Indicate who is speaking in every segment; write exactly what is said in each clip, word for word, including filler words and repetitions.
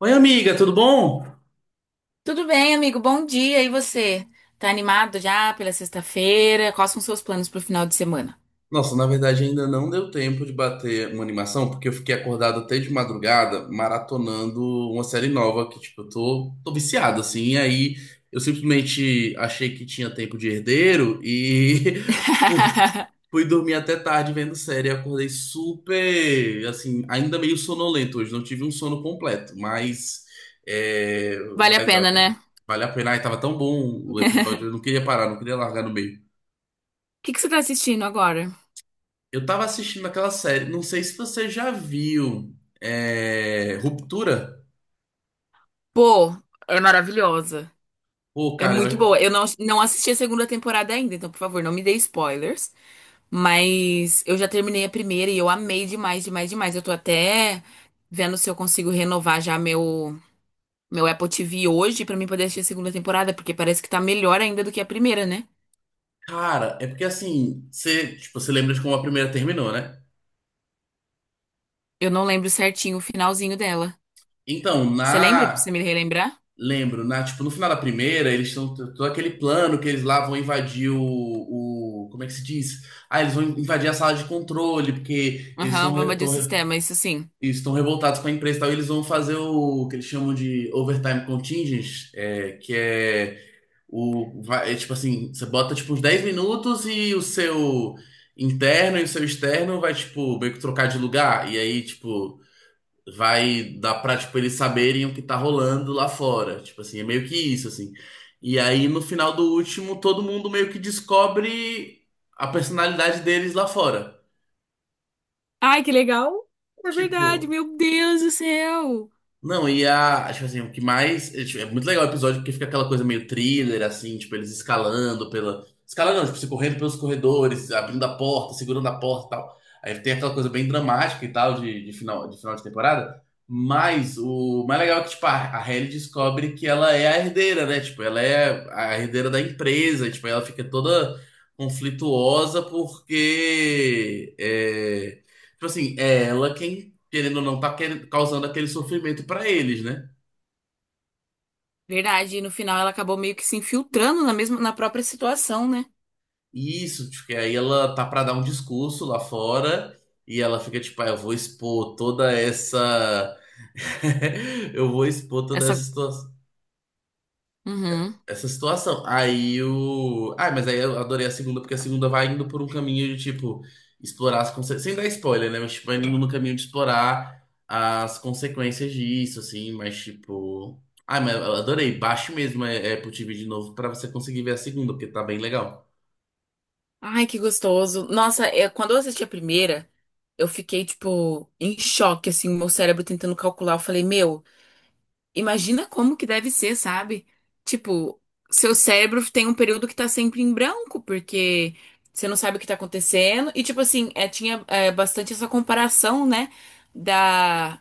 Speaker 1: Oi, amiga, tudo bom?
Speaker 2: Tudo bem, amigo? Bom dia. E você? Tá animado já pela sexta-feira? Quais são seus planos pro final de semana?
Speaker 1: Nossa, na verdade ainda não deu tempo de bater uma animação, porque eu fiquei acordado até de madrugada maratonando uma série nova que, tipo, eu tô, tô viciado, assim. E aí eu simplesmente achei que tinha tempo de herdeiro e fu- fui dormir até tarde vendo série. Acordei super, assim, ainda meio sonolento hoje, não tive um sono completo, mas é,
Speaker 2: Vale a
Speaker 1: vai dar,
Speaker 2: pena, né? O
Speaker 1: vale a pena. Ai, tava tão bom o episódio, eu não queria parar, não queria largar no meio.
Speaker 2: que que você tá assistindo agora?
Speaker 1: Eu tava assistindo aquela série, não sei se você já viu, é, Ruptura.
Speaker 2: Pô, é maravilhosa.
Speaker 1: Pô,
Speaker 2: É
Speaker 1: cara,
Speaker 2: muito
Speaker 1: eu-
Speaker 2: boa. Eu não, não assisti a segunda temporada ainda, então, por favor, não me dê spoilers. Mas eu já terminei a primeira e eu amei demais, demais, demais. Eu tô até vendo se eu consigo renovar já meu, meu Apple T V hoje pra mim poder assistir a segunda temporada, porque parece que tá melhor ainda do que a primeira, né?
Speaker 1: cara, é porque assim, você, tipo, você lembra de como a primeira terminou, né?
Speaker 2: Eu não lembro certinho o finalzinho dela.
Speaker 1: Então,
Speaker 2: Você lembra? Pra
Speaker 1: na,
Speaker 2: você me relembrar?
Speaker 1: lembro, na, tipo, no final da primeira, eles estão todo aquele plano que eles lá vão invadir o, o, como é que se diz? Ah, eles vão invadir a sala de controle, porque eles
Speaker 2: Aham,
Speaker 1: estão
Speaker 2: vamos de sistema, isso sim.
Speaker 1: estão revoltados com a empresa e tal, e eles vão fazer o que eles chamam de overtime contingent, é, que é O, vai, é tipo assim, você bota tipo uns dez minutos e o seu interno e o seu externo vai, tipo, meio que trocar de lugar. E aí, tipo, vai dar pra, tipo, eles saberem o que tá rolando lá fora. Tipo assim, é meio que isso, assim. E aí, no final do último, todo mundo meio que descobre a personalidade deles lá fora.
Speaker 2: Ai, que legal! É verdade,
Speaker 1: Tipo,
Speaker 2: meu Deus do céu!
Speaker 1: não, e a. Tipo assim, o que mais. É tipo, é muito legal o episódio porque fica aquela coisa meio thriller, assim, tipo, eles escalando pela. Escalando, não, tipo, se correndo pelos corredores, abrindo a porta, segurando a porta e tal. Aí tem aquela coisa bem dramática e tal de, de final, de final de temporada. Mas o mais legal é que, tipo, a, a Hailey descobre que ela é a herdeira, né? Tipo, ela é a herdeira da empresa, e, tipo, ela fica toda conflituosa porque. É... Tipo assim, é ela quem querendo ou não, tá querendo- causando aquele sofrimento pra eles, né?
Speaker 2: Verdade, e no final ela acabou meio que se infiltrando na mesma, na própria situação, né?
Speaker 1: E isso, porque aí ela tá pra dar um discurso lá fora e ela fica tipo, ah, eu vou expor toda essa. Eu vou expor toda essa
Speaker 2: Essa.
Speaker 1: situa-
Speaker 2: Uhum.
Speaker 1: essa situação. Aí o. Ah, mas aí eu adorei a segunda, porque a segunda vai indo por um caminho de, tipo, explorar as consequências. Sem dar spoiler, né? Mas, tipo, vai indo no caminho de explorar as consequências disso, assim, mas, tipo. Ah, mas eu adorei. Baixe mesmo é, Apple T V de novo pra você conseguir ver a segunda, porque tá bem legal.
Speaker 2: Ai, que gostoso. Nossa, é, quando eu assisti a primeira, eu fiquei, tipo, em choque, assim, meu cérebro tentando calcular. Eu falei, meu. Imagina como que deve ser, sabe? Tipo, seu cérebro tem um período que tá sempre em branco, porque você não sabe o que tá acontecendo. E, tipo assim, é, tinha é, bastante essa comparação, né? Da,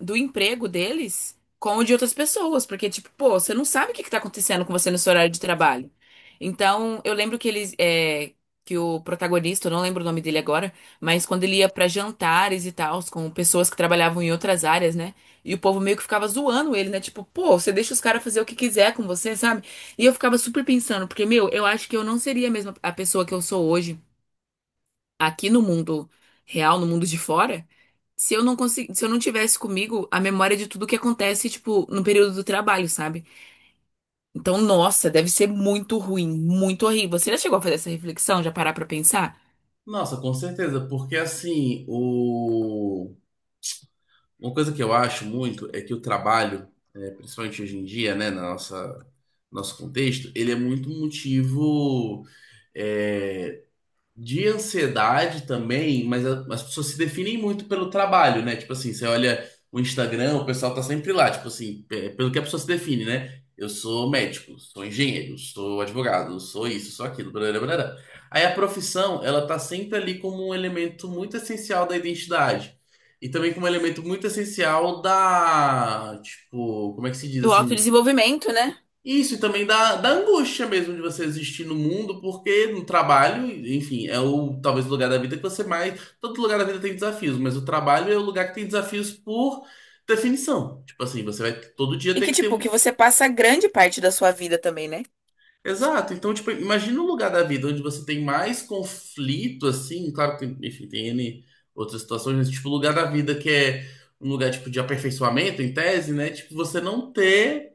Speaker 2: do emprego deles com o de outras pessoas. Porque, tipo, pô, você não sabe o que que tá acontecendo com você no seu horário de trabalho. Então, eu lembro que eles. é, que o protagonista, eu não lembro o nome dele agora, mas quando ele ia pra jantares e tal, com pessoas que trabalhavam em outras áreas, né? E o povo meio que ficava zoando ele, né? Tipo, pô, você deixa os caras fazer o que quiser com você, sabe? E eu ficava super pensando, porque, meu, eu acho que eu não seria a mesma a pessoa que eu sou hoje, aqui no mundo real, no mundo de fora, se eu não consegui, se eu não tivesse comigo a memória de tudo que acontece, tipo, no período do trabalho, sabe? Então, nossa, deve ser muito ruim, muito horrível. Você já chegou a fazer essa reflexão, já parar pra pensar?
Speaker 1: Nossa, com certeza, porque assim, o. Uma coisa que eu acho muito é que o trabalho, eh, principalmente hoje em dia, né, na nossa nosso contexto, ele é muito motivo é, de ansiedade também, mas a- as pessoas se definem muito pelo trabalho, né? Tipo assim, você olha o Instagram, o pessoal tá sempre lá, tipo assim, pe- pelo que a pessoa se define, né? Eu sou médico, sou engenheiro, sou advogado, sou isso, sou aquilo, blá, blá, blá. Aí a profissão, ela tá sempre ali como um elemento muito essencial da identidade. E também como um elemento muito essencial da, tipo, como é que se diz
Speaker 2: Do
Speaker 1: assim?
Speaker 2: autodesenvolvimento, né?
Speaker 1: Isso, e também da, da angústia mesmo de você existir no mundo, porque no trabalho, enfim, é o talvez o lugar da vida que você mais. Todo lugar da vida tem desafios, mas o trabalho é o lugar que tem desafios por definição. Tipo assim, você vai todo dia
Speaker 2: E
Speaker 1: ter
Speaker 2: que,
Speaker 1: que ter
Speaker 2: tipo, que
Speaker 1: um.
Speaker 2: você passa grande parte da sua vida também, né?
Speaker 1: Exato. Então, tipo, imagina um lugar da vida onde você tem mais conflito, assim, claro que tem, enfim, tem ene outras situações, mas tipo, o lugar da vida que é um lugar tipo de aperfeiçoamento, em tese, né? Tipo, você não ter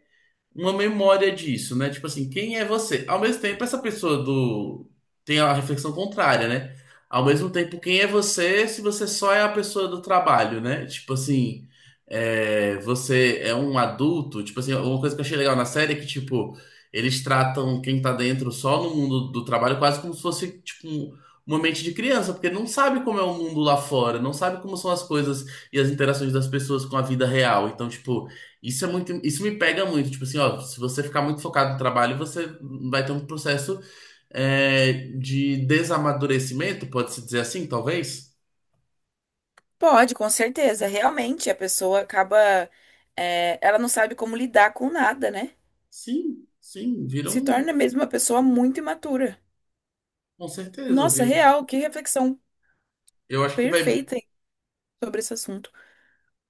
Speaker 1: uma memória disso, né? Tipo assim, quem é você? Ao mesmo tempo, essa pessoa do tem a reflexão contrária, né? Ao mesmo tempo, quem é você se você só é a pessoa do trabalho, né? Tipo assim, é, você é um adulto. Tipo assim, uma coisa que eu achei legal na série é que, tipo, eles tratam quem tá dentro só no mundo do trabalho quase como se fosse, tipo, um- uma mente de criança, porque não sabe como é o mundo lá fora, não sabe como são as coisas e as interações das pessoas com a vida real. Então, tipo, isso é muito, isso me pega muito, tipo assim, ó, se você ficar muito focado no trabalho, você vai ter um processo é, de desamadurecimento, pode-se dizer assim, talvez?
Speaker 2: Pode, com certeza. Realmente, a pessoa acaba. É, ela não sabe como lidar com nada, né?
Speaker 1: Sim, sim,
Speaker 2: Se
Speaker 1: viram,
Speaker 2: torna mesmo uma pessoa muito imatura.
Speaker 1: com certeza,
Speaker 2: Nossa,
Speaker 1: viu?
Speaker 2: real, que reflexão
Speaker 1: Eu acho que vai,
Speaker 2: perfeita sobre esse assunto.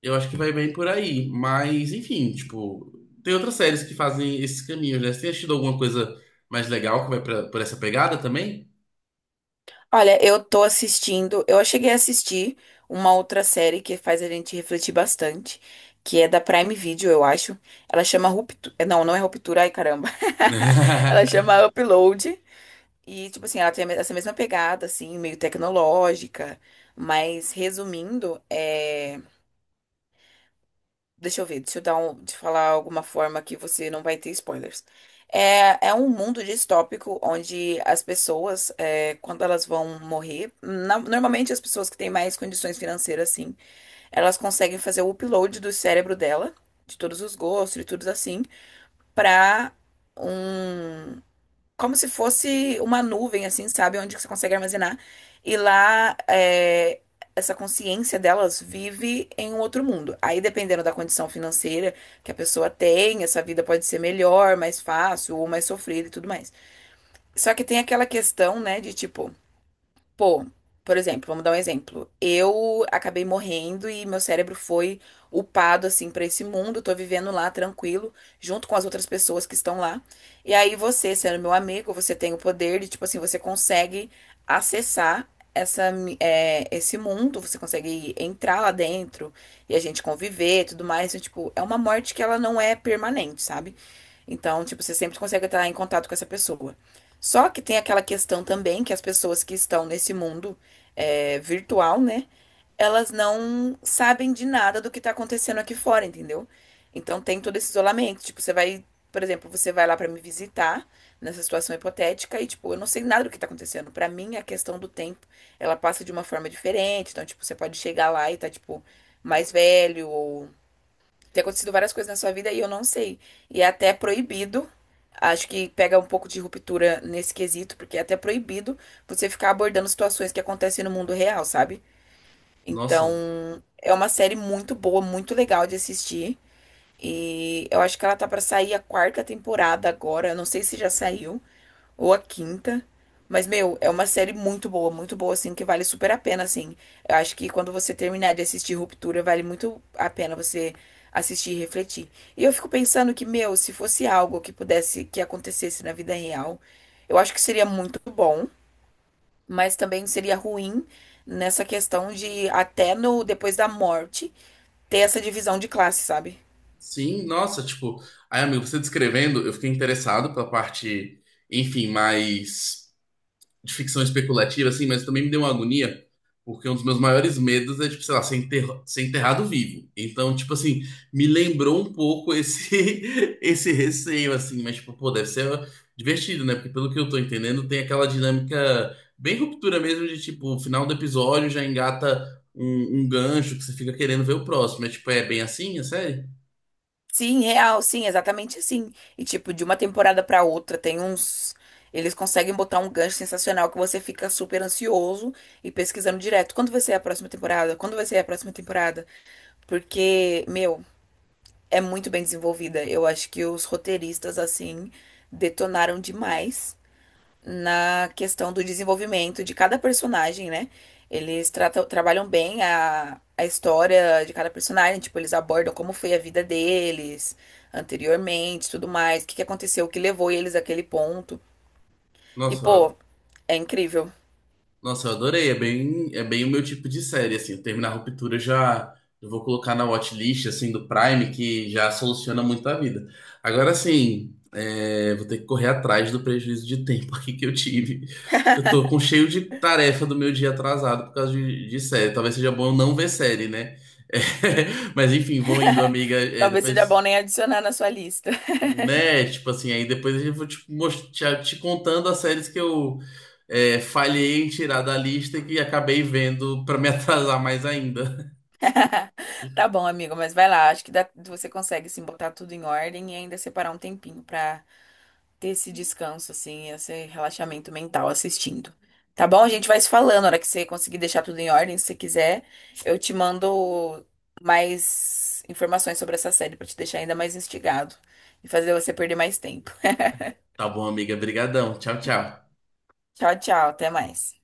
Speaker 1: eu acho que vai bem por aí, mas enfim, tipo, tem outras séries que fazem esses caminhos, né? Você tem assistido alguma coisa mais legal que vai pra, por essa pegada também?
Speaker 2: Olha, eu tô assistindo. Eu cheguei a assistir uma outra série que faz a gente refletir bastante, que é da Prime Video, eu acho. Ela chama Ruptura. Não, não é Ruptura, ai caramba. Ela chama Upload. E, tipo assim, ela tem essa mesma pegada, assim, meio tecnológica. Mas, resumindo, é... Deixa eu ver, deixa eu dar um... te falar alguma forma que você não vai ter spoilers. É, é um mundo distópico onde as pessoas, é, quando elas vão morrer, na- normalmente as pessoas que têm mais condições financeiras, assim, elas conseguem fazer o upload do cérebro dela, de todos os gostos e tudo assim, pra um como se fosse uma nuvem, assim, sabe? Onde você consegue armazenar. E lá, é, essa consciência delas vive em um outro mundo. Aí, dependendo da condição financeira que a pessoa tem, essa vida pode ser melhor, mais fácil ou mais sofrida e tudo mais. Só que tem aquela questão, né, de tipo. Pô, por exemplo, vamos dar um exemplo. Eu acabei morrendo e meu cérebro foi upado assim pra esse mundo, tô vivendo lá tranquilo, junto com as outras pessoas que estão lá. E aí você, sendo meu amigo, você tem o poder de, tipo assim, você consegue acessar essa mi- é, esse mundo, você consegue entrar lá dentro e a gente conviver, e tudo mais. Então, tipo, é uma morte que ela não é permanente, sabe? Então, tipo, você sempre consegue estar em contato com essa pessoa. Só que tem aquela questão também que as pessoas que estão nesse mundo é, virtual, né? Elas não sabem de nada do que tá acontecendo aqui fora, entendeu? Então tem todo esse isolamento. Tipo, você vai, por exemplo, você vai lá pra me visitar nessa situação hipotética e, tipo, eu não sei nada do que tá acontecendo. Pra mim, a questão do tempo, ela passa de uma forma diferente. Então, tipo, você pode chegar lá e tá, tipo, mais velho ou tem acontecido várias coisas na sua vida e eu não sei. E é até proibido. Acho que pega um pouco de ruptura nesse quesito, porque é até proibido você ficar abordando situações que acontecem no mundo real, sabe?
Speaker 1: Nossa.
Speaker 2: Então, é uma série muito boa, muito legal de assistir. E eu acho que ela tá pra sair a quarta temporada agora. Eu não sei se já saiu ou a quinta. Mas, meu, é uma série muito boa, muito boa, assim, que vale super a pena, assim. Eu acho que quando você terminar de assistir Ruptura, vale muito a pena você assistir e refletir. E eu fico pensando que, meu, se fosse algo que pudesse, que acontecesse na vida real, eu acho que seria muito bom, mas também seria ruim nessa questão de, até no, depois da morte, ter essa divisão de classe, sabe?
Speaker 1: Sim, nossa, tipo, aí, amigo, você descrevendo, eu fiquei interessado pela parte, enfim, mais de ficção especulativa, assim, mas também me deu uma agonia, porque um dos meus maiores medos é, tipo, sei lá, ser enter- ser enterrado vivo. Então, tipo assim, me lembrou um pouco esse, esse receio, assim, mas, tipo, pô, deve ser divertido, né? Porque pelo que eu tô entendendo, tem aquela dinâmica bem ruptura mesmo de, tipo, o final do episódio já engata um, um gancho que você fica querendo ver o próximo. É, tipo, é bem assim, é sério?
Speaker 2: Sim, real, sim, exatamente assim. E tipo, de uma temporada pra outra tem uns eles conseguem botar um gancho sensacional que você fica super ansioso e pesquisando direto. Quando vai ser a próxima temporada? Quando vai ser a próxima temporada? Porque, meu, é muito bem desenvolvida. Eu acho que os roteiristas assim detonaram demais na questão do desenvolvimento de cada personagem, né? Eles tratam, trabalham bem a, a história de cada personagem, tipo, eles abordam como foi a vida deles anteriormente, tudo mais, o que que aconteceu, o que levou eles àquele ponto. E,
Speaker 1: Nossa, eu
Speaker 2: pô, é incrível.
Speaker 1: Nossa, eu adorei. É bem, é bem o meu tipo de série, assim. Eu terminar a Ruptura já eu vou colocar na watchlist, assim, do Prime, que já soluciona muito a vida. Agora, assim, é, vou ter que correr atrás do prejuízo de tempo aqui que eu tive. Eu tô com cheio de tarefa do meu dia atrasado por causa de, de série. Talvez seja bom eu não ver série, né? É, mas enfim, vou indo, amiga. É,
Speaker 2: Talvez seja
Speaker 1: depois
Speaker 2: bom nem adicionar na sua lista.
Speaker 1: né? Tipo assim, aí depois eu vou te, most- te, te contando as séries que eu é, falhei em tirar da lista e que acabei vendo pra me atrasar mais ainda.
Speaker 2: Tá bom, amigo, mas vai lá, acho que dá- você consegue sim botar tudo em ordem e ainda separar um tempinho pra ter esse descanso, assim, esse relaxamento mental assistindo. Tá bom? A gente vai se falando. Na hora que você conseguir deixar tudo em ordem, se você quiser, eu te mando mais informações sobre essa série pra te deixar ainda mais instigado e fazer você perder mais tempo.
Speaker 1: Tá bom, amiga. Brigadão. Tchau, tchau.
Speaker 2: Tchau, tchau. Até mais.